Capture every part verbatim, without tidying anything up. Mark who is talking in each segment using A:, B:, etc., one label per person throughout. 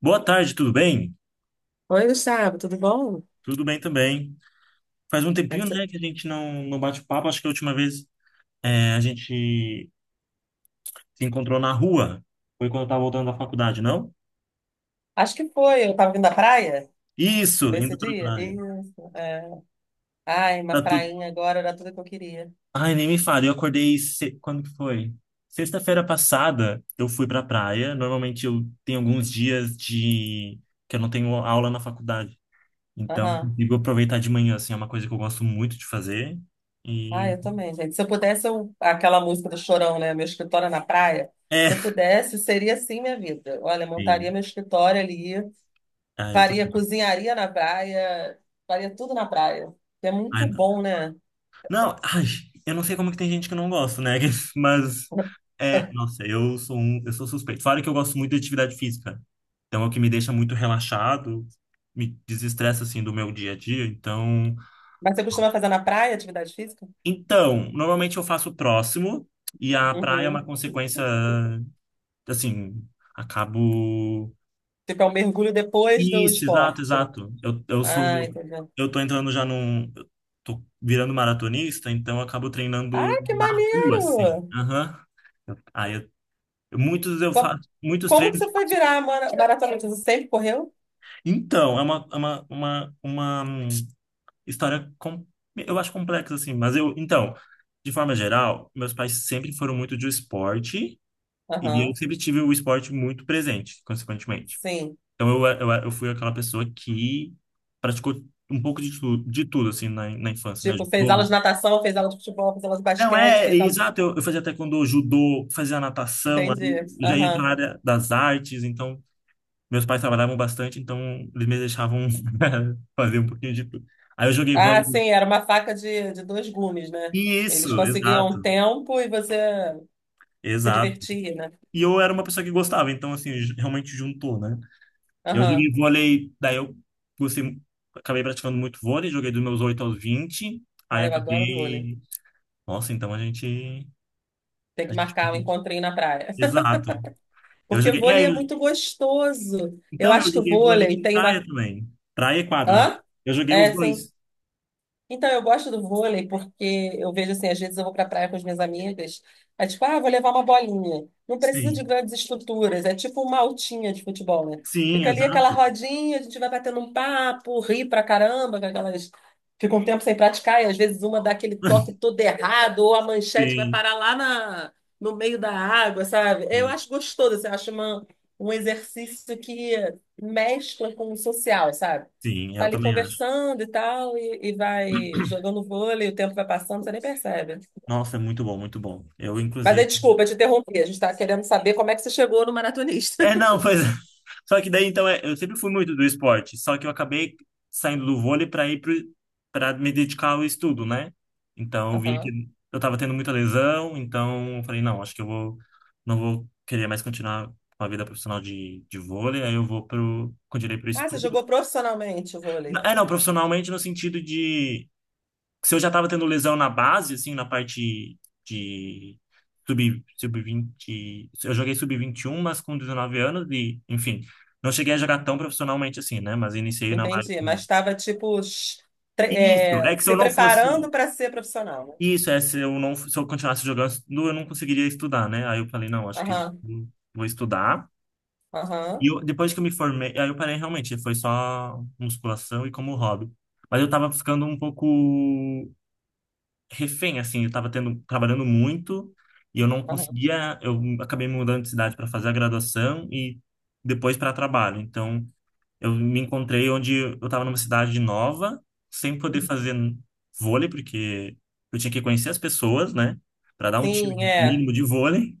A: Boa tarde, tudo bem?
B: Oi, Gustavo, tudo bom? Como
A: Tudo bem também. Faz um
B: é que
A: tempinho,
B: você-
A: né, que a gente não, não bate papo. Acho que a última vez é, a gente se encontrou na rua. Foi quando eu tava voltando da faculdade, não?
B: Acho que foi, eu tava vindo da praia,
A: Isso,
B: foi esse
A: indo pra
B: dia?
A: praia.
B: Isso, é. Ai, uma
A: Tá tudo...
B: prainha agora era tudo que eu queria.
A: Ai, nem me fale. Eu acordei... Se... Quando que foi? Sexta-feira passada, eu fui pra praia. Normalmente eu tenho alguns dias de... que eu não tenho aula na faculdade. Então, eu
B: Aham.
A: consigo aproveitar de manhã, assim. É uma coisa que eu gosto muito de fazer.
B: Ai,
A: E...
B: eu também, gente. Se eu pudesse, eu aquela música do Chorão, né? Meu escritório é na praia. Se eu
A: É...
B: pudesse, seria assim minha vida. Olha, montaria
A: Sim.
B: meu escritório ali,
A: Ah, eu tô...
B: faria, cozinharia na praia, faria tudo na praia. É muito
A: Ai,
B: bom, né?
A: não, ai, eu não sei como é que tem gente que não gosta, né? Mas, é, nossa, eu sou um, eu sou suspeito. Fora que eu gosto muito de atividade física. Então, é o que me deixa muito relaxado, me desestressa, assim, do meu dia a dia. Então,
B: Mas você costuma fazer na praia atividade física?
A: então, normalmente eu faço próximo e a praia é uma
B: Uhum.
A: consequência, assim, acabo...
B: Tipo, é um mergulho depois do
A: Isso, exato,
B: esporte.
A: exato. Eu, eu sou...
B: Ah, entendi.
A: Eu tô entrando já num... eu Tô virando maratonista, então eu acabo treinando
B: Ah, que
A: na rua, assim.
B: maneiro!
A: Aham. Aí eu... Muitos, eu
B: Co-
A: faço muitos
B: Como, que
A: treinos.
B: você foi virar a mara- maratonista? Você sempre correu?
A: Então, é uma, é uma, uma, uma hum, história, com, eu acho complexa, assim, mas eu, então, de forma geral, meus pais sempre foram muito de esporte e eu
B: Aham,
A: sempre tive o esporte muito presente, consequentemente.
B: sim.
A: Então, eu, eu, eu fui aquela pessoa que praticou um pouco de, tu, de tudo, assim, na, na infância, né?
B: Tipo, fez aula de
A: Judô.
B: natação, fez aula de futebol, fez aula de
A: Não,
B: basquete,
A: é, é
B: fez aula de...
A: exato, eu, eu fazia taekwondo, judô, fazia natação, aí
B: Entendi.
A: eu já ia para a
B: Aham.
A: área das artes, então meus pais trabalhavam bastante, então eles me deixavam fazer um pouquinho de tudo. Aí eu joguei
B: Ah,
A: vôlei.
B: sim, era uma faca de, de dois gumes, né? Eles
A: Isso,
B: conseguiam
A: exato,
B: tempo e você se
A: exato.
B: divertia, né?
A: E eu era uma pessoa que gostava, então assim, ju- realmente juntou, né? Eu joguei
B: Aham.
A: vôlei, daí eu gostei, acabei praticando muito vôlei, joguei dos meus oito aos vinte,
B: Ah,
A: aí
B: eu adoro vôlei.
A: acabei. Nossa, então a gente.
B: Tem
A: A
B: que
A: gente...
B: marcar um encontrinho na praia.
A: Exato. Eu
B: Porque
A: joguei. É,
B: vôlei é
A: eu...
B: muito gostoso. Eu
A: Então eu
B: acho que o
A: joguei vôlei
B: vôlei
A: de
B: tem
A: praia
B: uma...
A: também. Praia e quadra, né?
B: Hã?
A: Eu joguei os
B: É, sim.
A: dois.
B: Então, eu gosto do vôlei porque eu vejo assim, às vezes eu vou pra praia com as minhas amigas, é tipo, ah, vou levar uma bolinha. Não precisa de
A: Sim.
B: grandes estruturas, é tipo uma altinha de futebol, né?
A: Sim,
B: Fica ali aquela
A: exato.
B: rodinha, a gente vai batendo um papo, ri pra caramba, com aquelas... Fica um tempo sem praticar e às vezes uma dá aquele toque todo errado ou a manchete vai
A: Sim.
B: parar lá na... no meio da água, sabe? Eu
A: Sim.
B: acho gostoso, assim, eu acho uma... um exercício que mescla com o social, sabe?
A: Sim,
B: Tá
A: eu
B: ali
A: também acho.
B: conversando e tal, e, e vai jogando vôlei, o tempo vai passando, você nem percebe.
A: Nossa, é muito bom, muito bom. Eu,
B: Mas aí,
A: inclusive.
B: desculpa, te interrompi, a gente tá querendo saber como é que você chegou no maratonista.
A: É, não, pois é. Só que daí, então, é, eu sempre fui muito do esporte, só que eu acabei saindo do vôlei para ir para me dedicar ao estudo, né? Então, eu vi que
B: Aham.
A: eu tava tendo muita lesão, então eu falei, não, acho que eu vou, não vou querer mais continuar com a vida profissional de, de vôlei, aí eu vou pro, continuei pro
B: Ah, você
A: estudo.
B: jogou profissionalmente o vôlei.
A: É, não, profissionalmente no sentido de se eu já estava tendo lesão na base, assim, na parte de sub, sub-20, eu joguei sub vinte e um, mas com dezenove anos e, enfim, não cheguei a jogar tão profissionalmente assim, né? Mas iniciei na base.
B: Entendi, mas estava, tipo, sh- tre-
A: Isso, é
B: é,
A: que se
B: se
A: eu não fosse,
B: preparando para ser profissional, né?
A: isso, é, se eu não, se eu continuasse jogando, eu não conseguiria estudar, né? Aí eu falei, não, acho que eu
B: Aham,
A: vou estudar. E
B: aham,
A: eu- depois que eu me formei, aí eu parei realmente, foi só musculação e como hobby. Mas eu tava ficando um pouco refém, assim, eu tava tendo, trabalhando muito e eu não
B: aham.
A: conseguia, eu acabei mudando de cidade para fazer a graduação e depois para trabalho. Então, eu me encontrei onde eu estava numa cidade nova, sem poder
B: Uhum.
A: fazer vôlei, porque eu tinha que conhecer as pessoas, né, para dar um time
B: Sim,
A: de-
B: é.
A: mínimo de vôlei.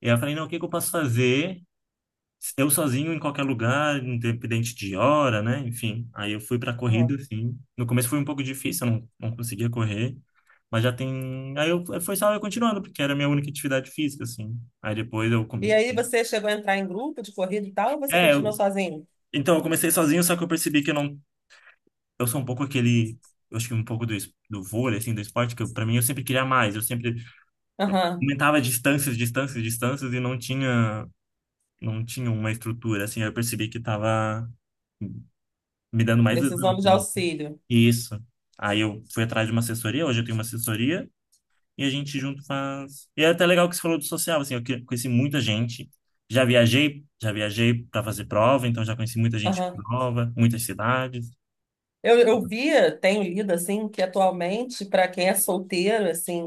A: E aí eu falei, não, o que que eu posso fazer? Eu sozinho em qualquer lugar, independente de hora, né? Enfim, aí eu fui pra corrida,
B: Aham.
A: assim. No começo foi um pouco difícil, eu não, não conseguia correr, mas já tem. Aí eu, foi só eu continuando, porque era a minha única atividade física, assim. Aí depois eu...
B: E
A: come-
B: aí, você chegou a entrar em grupo de corrida e tal, ou você
A: É, eu-
B: continuou sozinho?
A: então eu comecei sozinho, só que eu percebi que eu não. Eu sou um pouco aquele. Eu acho que um pouco do, es- do vôlei, assim, do esporte, que eu, pra mim eu sempre queria mais. Eu sempre
B: Aham,
A: aumentava distâncias, distâncias, distâncias e não tinha, não tinha uma estrutura, assim. Aí eu percebi que tava me dando mais lesão,
B: precisamos de
A: assim.
B: auxílio.
A: Isso. Aí eu fui atrás de uma assessoria, hoje eu tenho uma assessoria e a gente junto faz. E é até legal que você falou do social, assim, eu que- conheci muita gente. Já viajei, já viajei para fazer prova, então já conheci muita gente por prova, muitas cidades.
B: Eu, eu via, tenho lido assim, que atualmente, para quem é solteiro, assim,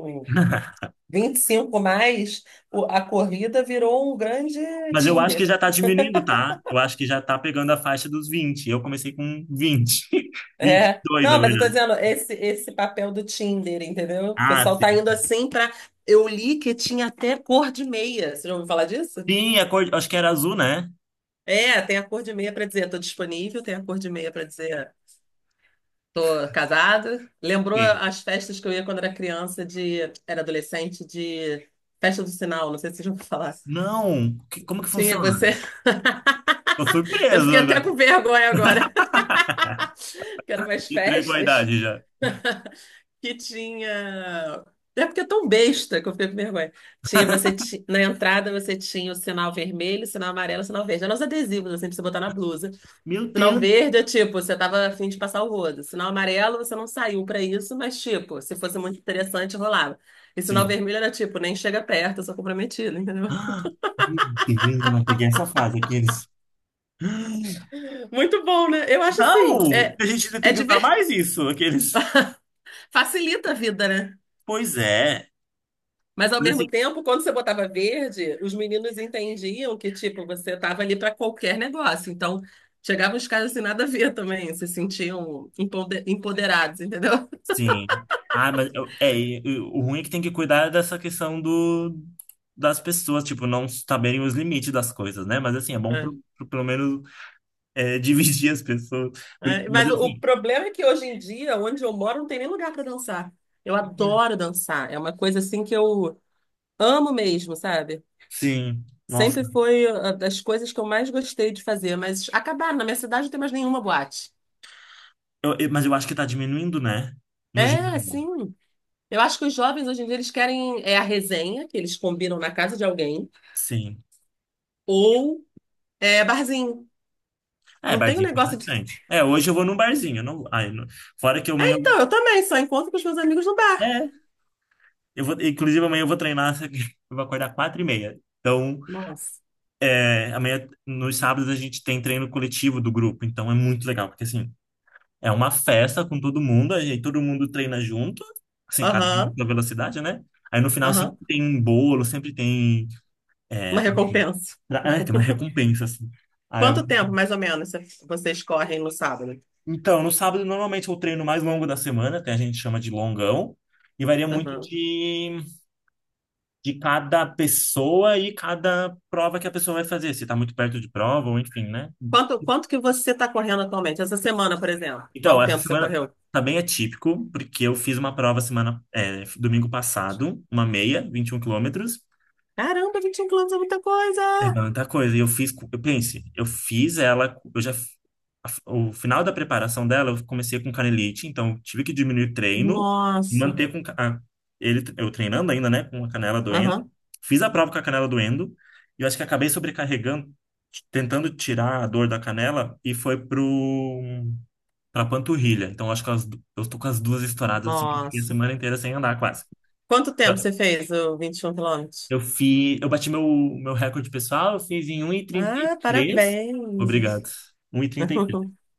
B: vinte e cinco mais, o- a corrida virou um grande
A: Mas eu acho que
B: Tinder.
A: já tá diminuindo, tá? Eu acho que já tá pegando a faixa dos vinte. Eu comecei com vinte, vinte e
B: É.
A: dois na
B: Não, mas eu tô
A: verdade.
B: dizendo, esse, esse papel do Tinder, entendeu? O
A: Ah,
B: pessoal tá
A: sim.
B: indo assim para. Eu li que tinha até cor de meia. Você já ouviu falar disso?
A: Sim, a cor, acho que era azul, né?
B: É, tem a cor de meia para dizer tô disponível, tem a cor de meia para dizer tô casado. Lembrou
A: Sim.
B: as festas que eu ia quando era criança, de, era adolescente, de. Festa do Sinal, não sei se vocês vão falar.
A: Não, que- como que
B: Tinha
A: funciona?
B: você.
A: Tô
B: Eu
A: surpreso
B: fiquei até
A: agora.
B: com vergonha agora, que eram umas
A: Entregou a
B: festas
A: idade já.
B: que tinha. É porque é tão besta que eu fiquei com vergonha. Tinha você ti- na entrada você tinha o sinal vermelho, o sinal amarelo, o sinal verde. Eram os adesivos assim pra você botar na blusa.
A: Meu
B: Sinal
A: Deus.
B: verde é tipo, você tava a fim de passar o rodo. Sinal amarelo, você não saiu pra isso, mas tipo, se fosse muito interessante, rolava. E sinal
A: Sim.
B: vermelho era tipo, nem chega perto, eu sou comprometido, entendeu?
A: Ah, meu Deus, eu não peguei essa fase, aqueles.
B: Muito bom, né? Eu acho
A: Não!
B: assim, é,
A: A gente ainda tem
B: é
A: que usar
B: diver...
A: mais isso, aqueles.
B: facilita a vida, né?
A: Pois é.
B: Mas ao
A: Mas
B: mesmo
A: assim,
B: tempo, quando você botava verde, os meninos entendiam que, tipo, você tava ali para qualquer negócio. Então, chegavam os caras sem nada a ver também, se sentiam empoder- empoderados, entendeu?
A: sim. Ah, mas eu- é, e e o ruim é que tem que cuidar dessa questão do, das pessoas, tipo, não saberem os limites das coisas, né? Mas assim, é bom
B: É.
A: pro, pro- pelo menos é, dividir as pessoas. Porque,
B: É,
A: mas
B: mas o o
A: assim,
B: problema é que hoje em dia, onde eu moro, não tem nem lugar para dançar. Eu adoro dançar. É uma coisa assim que eu amo mesmo, sabe?
A: sim, nossa.
B: Sempre foi ah, das coisas que eu mais gostei de fazer, mas acabaram. Na minha cidade não tem mais nenhuma boate.
A: Eu- eu- mas eu acho que tá diminuindo, né? No
B: É,
A: geral.
B: sim. Eu acho que os jovens hoje em dia eles querem é a resenha que eles combinam na casa de alguém
A: Sim.
B: ou é barzinho.
A: É,
B: Não tem o
A: barzinho tem
B: negócio de.
A: bastante. É, hoje eu vou num barzinho. Eu não... Ai, não... Fora que amanhã.
B: Então, eu também só encontro com os meus amigos no
A: eu-
B: bar.
A: É, eu vou... inclusive amanhã eu vou treinar, só que eu vou acordar quatro e meia. Então,
B: Nossa.
A: é, amanhã, nos sábados, a gente tem treino coletivo do grupo. Então é muito legal, porque assim, é uma festa com todo mundo, aí todo mundo treina junto, assim, cada um
B: Aham,
A: na velocidade, né? Aí no final sempre
B: aham.
A: tem um bolo, sempre tem. É,
B: Uma
A: pra-
B: recompensa.
A: é, tem uma recompensa, assim. Aí,
B: Quanto tempo, mais ou menos, cê- vocês correm no sábado?
A: então, no sábado, normalmente é o treino mais longo da semana, até a gente chama de longão, e varia muito
B: Aham.
A: de, de cada pessoa e cada prova que a pessoa vai fazer, se está muito perto de prova ou enfim, né?
B: Quanto, quanto que você está correndo atualmente? Essa semana, por exemplo.
A: Então,
B: Qual
A: essa
B: tempo você
A: semana
B: correu?
A: tá bem atípico, porque eu fiz uma prova semana, é, domingo passado, uma meia, vinte e um quilômetros.
B: Caramba, vinte e um quilômetros é muita
A: É
B: coisa!
A: muita coisa. E eu fiz, co- eu pense, eu fiz ela, eu já, a- o final da preparação dela, eu comecei com canelite, então eu tive que diminuir o treino e
B: Nossa.
A: manter com ca- a, ele, eu treinando ainda, né, com a canela doendo.
B: Aham.
A: Fiz a prova com a canela doendo e eu acho que acabei sobrecarregando, t- tentando tirar a dor da canela e foi pro pra panturrilha. Então eu acho que as du- eu tô com as duas estouradas assim que eu fiquei a
B: Nossa.
A: semana inteira sem andar quase.
B: Quanto tempo
A: Então,
B: você fez o vinte e um quilômetros?
A: eu fiz, eu bati meu, meu recorde pessoal, eu fiz em um e trinta e
B: Ah,
A: três.
B: parabéns.
A: Obrigado. Um 1h33.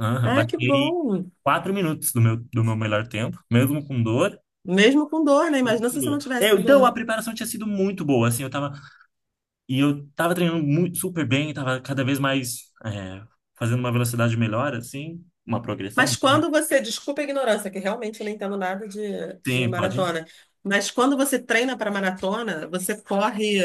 A: Aham,
B: Ah, que
A: bati
B: bom.
A: quatro minutos do meu, do meu melhor tempo, mesmo com dor.
B: Mesmo com dor, né?
A: Mesmo
B: Imagina
A: com
B: se você não
A: dor.
B: tivesse
A: Eu,
B: com
A: então, a
B: dor.
A: preparação tinha sido muito boa, assim, eu tava, e eu tava treinando muito, super bem, tava cada vez mais, é, fazendo uma velocidade melhor, assim, uma
B: Mas
A: progressão.
B: quando você, desculpa a ignorância, que realmente eu não entendo nada de, de
A: Sim, pode.
B: maratona, mas quando você treina para maratona, você corre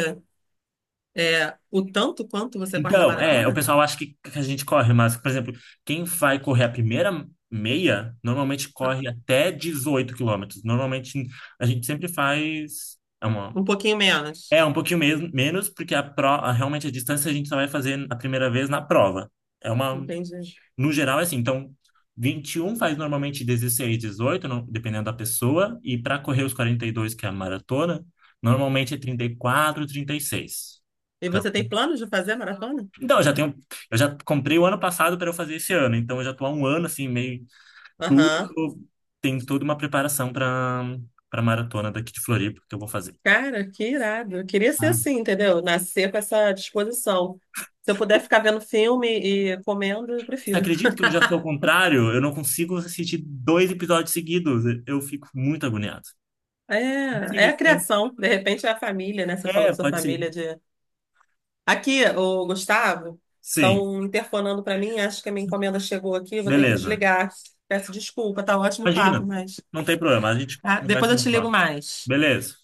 B: é, o tanto quanto você corre na
A: Então, é, o
B: maratona?
A: pessoal acha que, que a gente corre, mas, por exemplo, quem vai correr a primeira meia, normalmente
B: Ah,
A: corre até dezoito quilômetros. Normalmente, a gente sempre faz. É, uma,
B: um pouquinho menos.
A: é um pouquinho mes- menos, porque a pro, a- realmente a distância a gente só vai fazer a primeira vez na prova. É uma.
B: Entendi.
A: No geral, é assim. Então, vinte e um faz normalmente dezesseis, dezoito, não... dependendo da pessoa. E para correr os quarenta e dois, que é a maratona, normalmente é trinta e quatro, trinta e seis.
B: E você tem planos de fazer maratona?
A: Então, eu já tenho, eu já comprei o ano passado para eu fazer esse ano, então eu já tô há um ano assim, meio tudo,
B: Aham.
A: tô- tem toda uma preparação para para maratona daqui de Floripa que eu vou fazer.
B: Cara, que irado. Eu queria ser
A: Ah.
B: assim, entendeu? Nascer com essa disposição. Se eu puder ficar vendo filme e comendo, eu
A: Você
B: prefiro.
A: acredita que eu já sou ao contrário? Eu não consigo assistir dois episódios seguidos, eu fico muito agoniado.
B: É,
A: Não sei o
B: é
A: que
B: a
A: que
B: criação. De repente é a família, né? Você
A: é.
B: falou
A: É,
B: que sua
A: pode ser.
B: família é de. Aqui, o Gustavo,
A: Sim,
B: estão interfonando para mim. Acho que a minha encomenda chegou aqui. Eu vou ter que
A: beleza.
B: desligar. Peço desculpa, tá ótimo o papo,
A: Imagina,
B: mas.
A: não tem problema, a gente
B: Tá?
A: conversa
B: Depois eu
A: no
B: te ligo
A: próximo.
B: mais.
A: Beleza.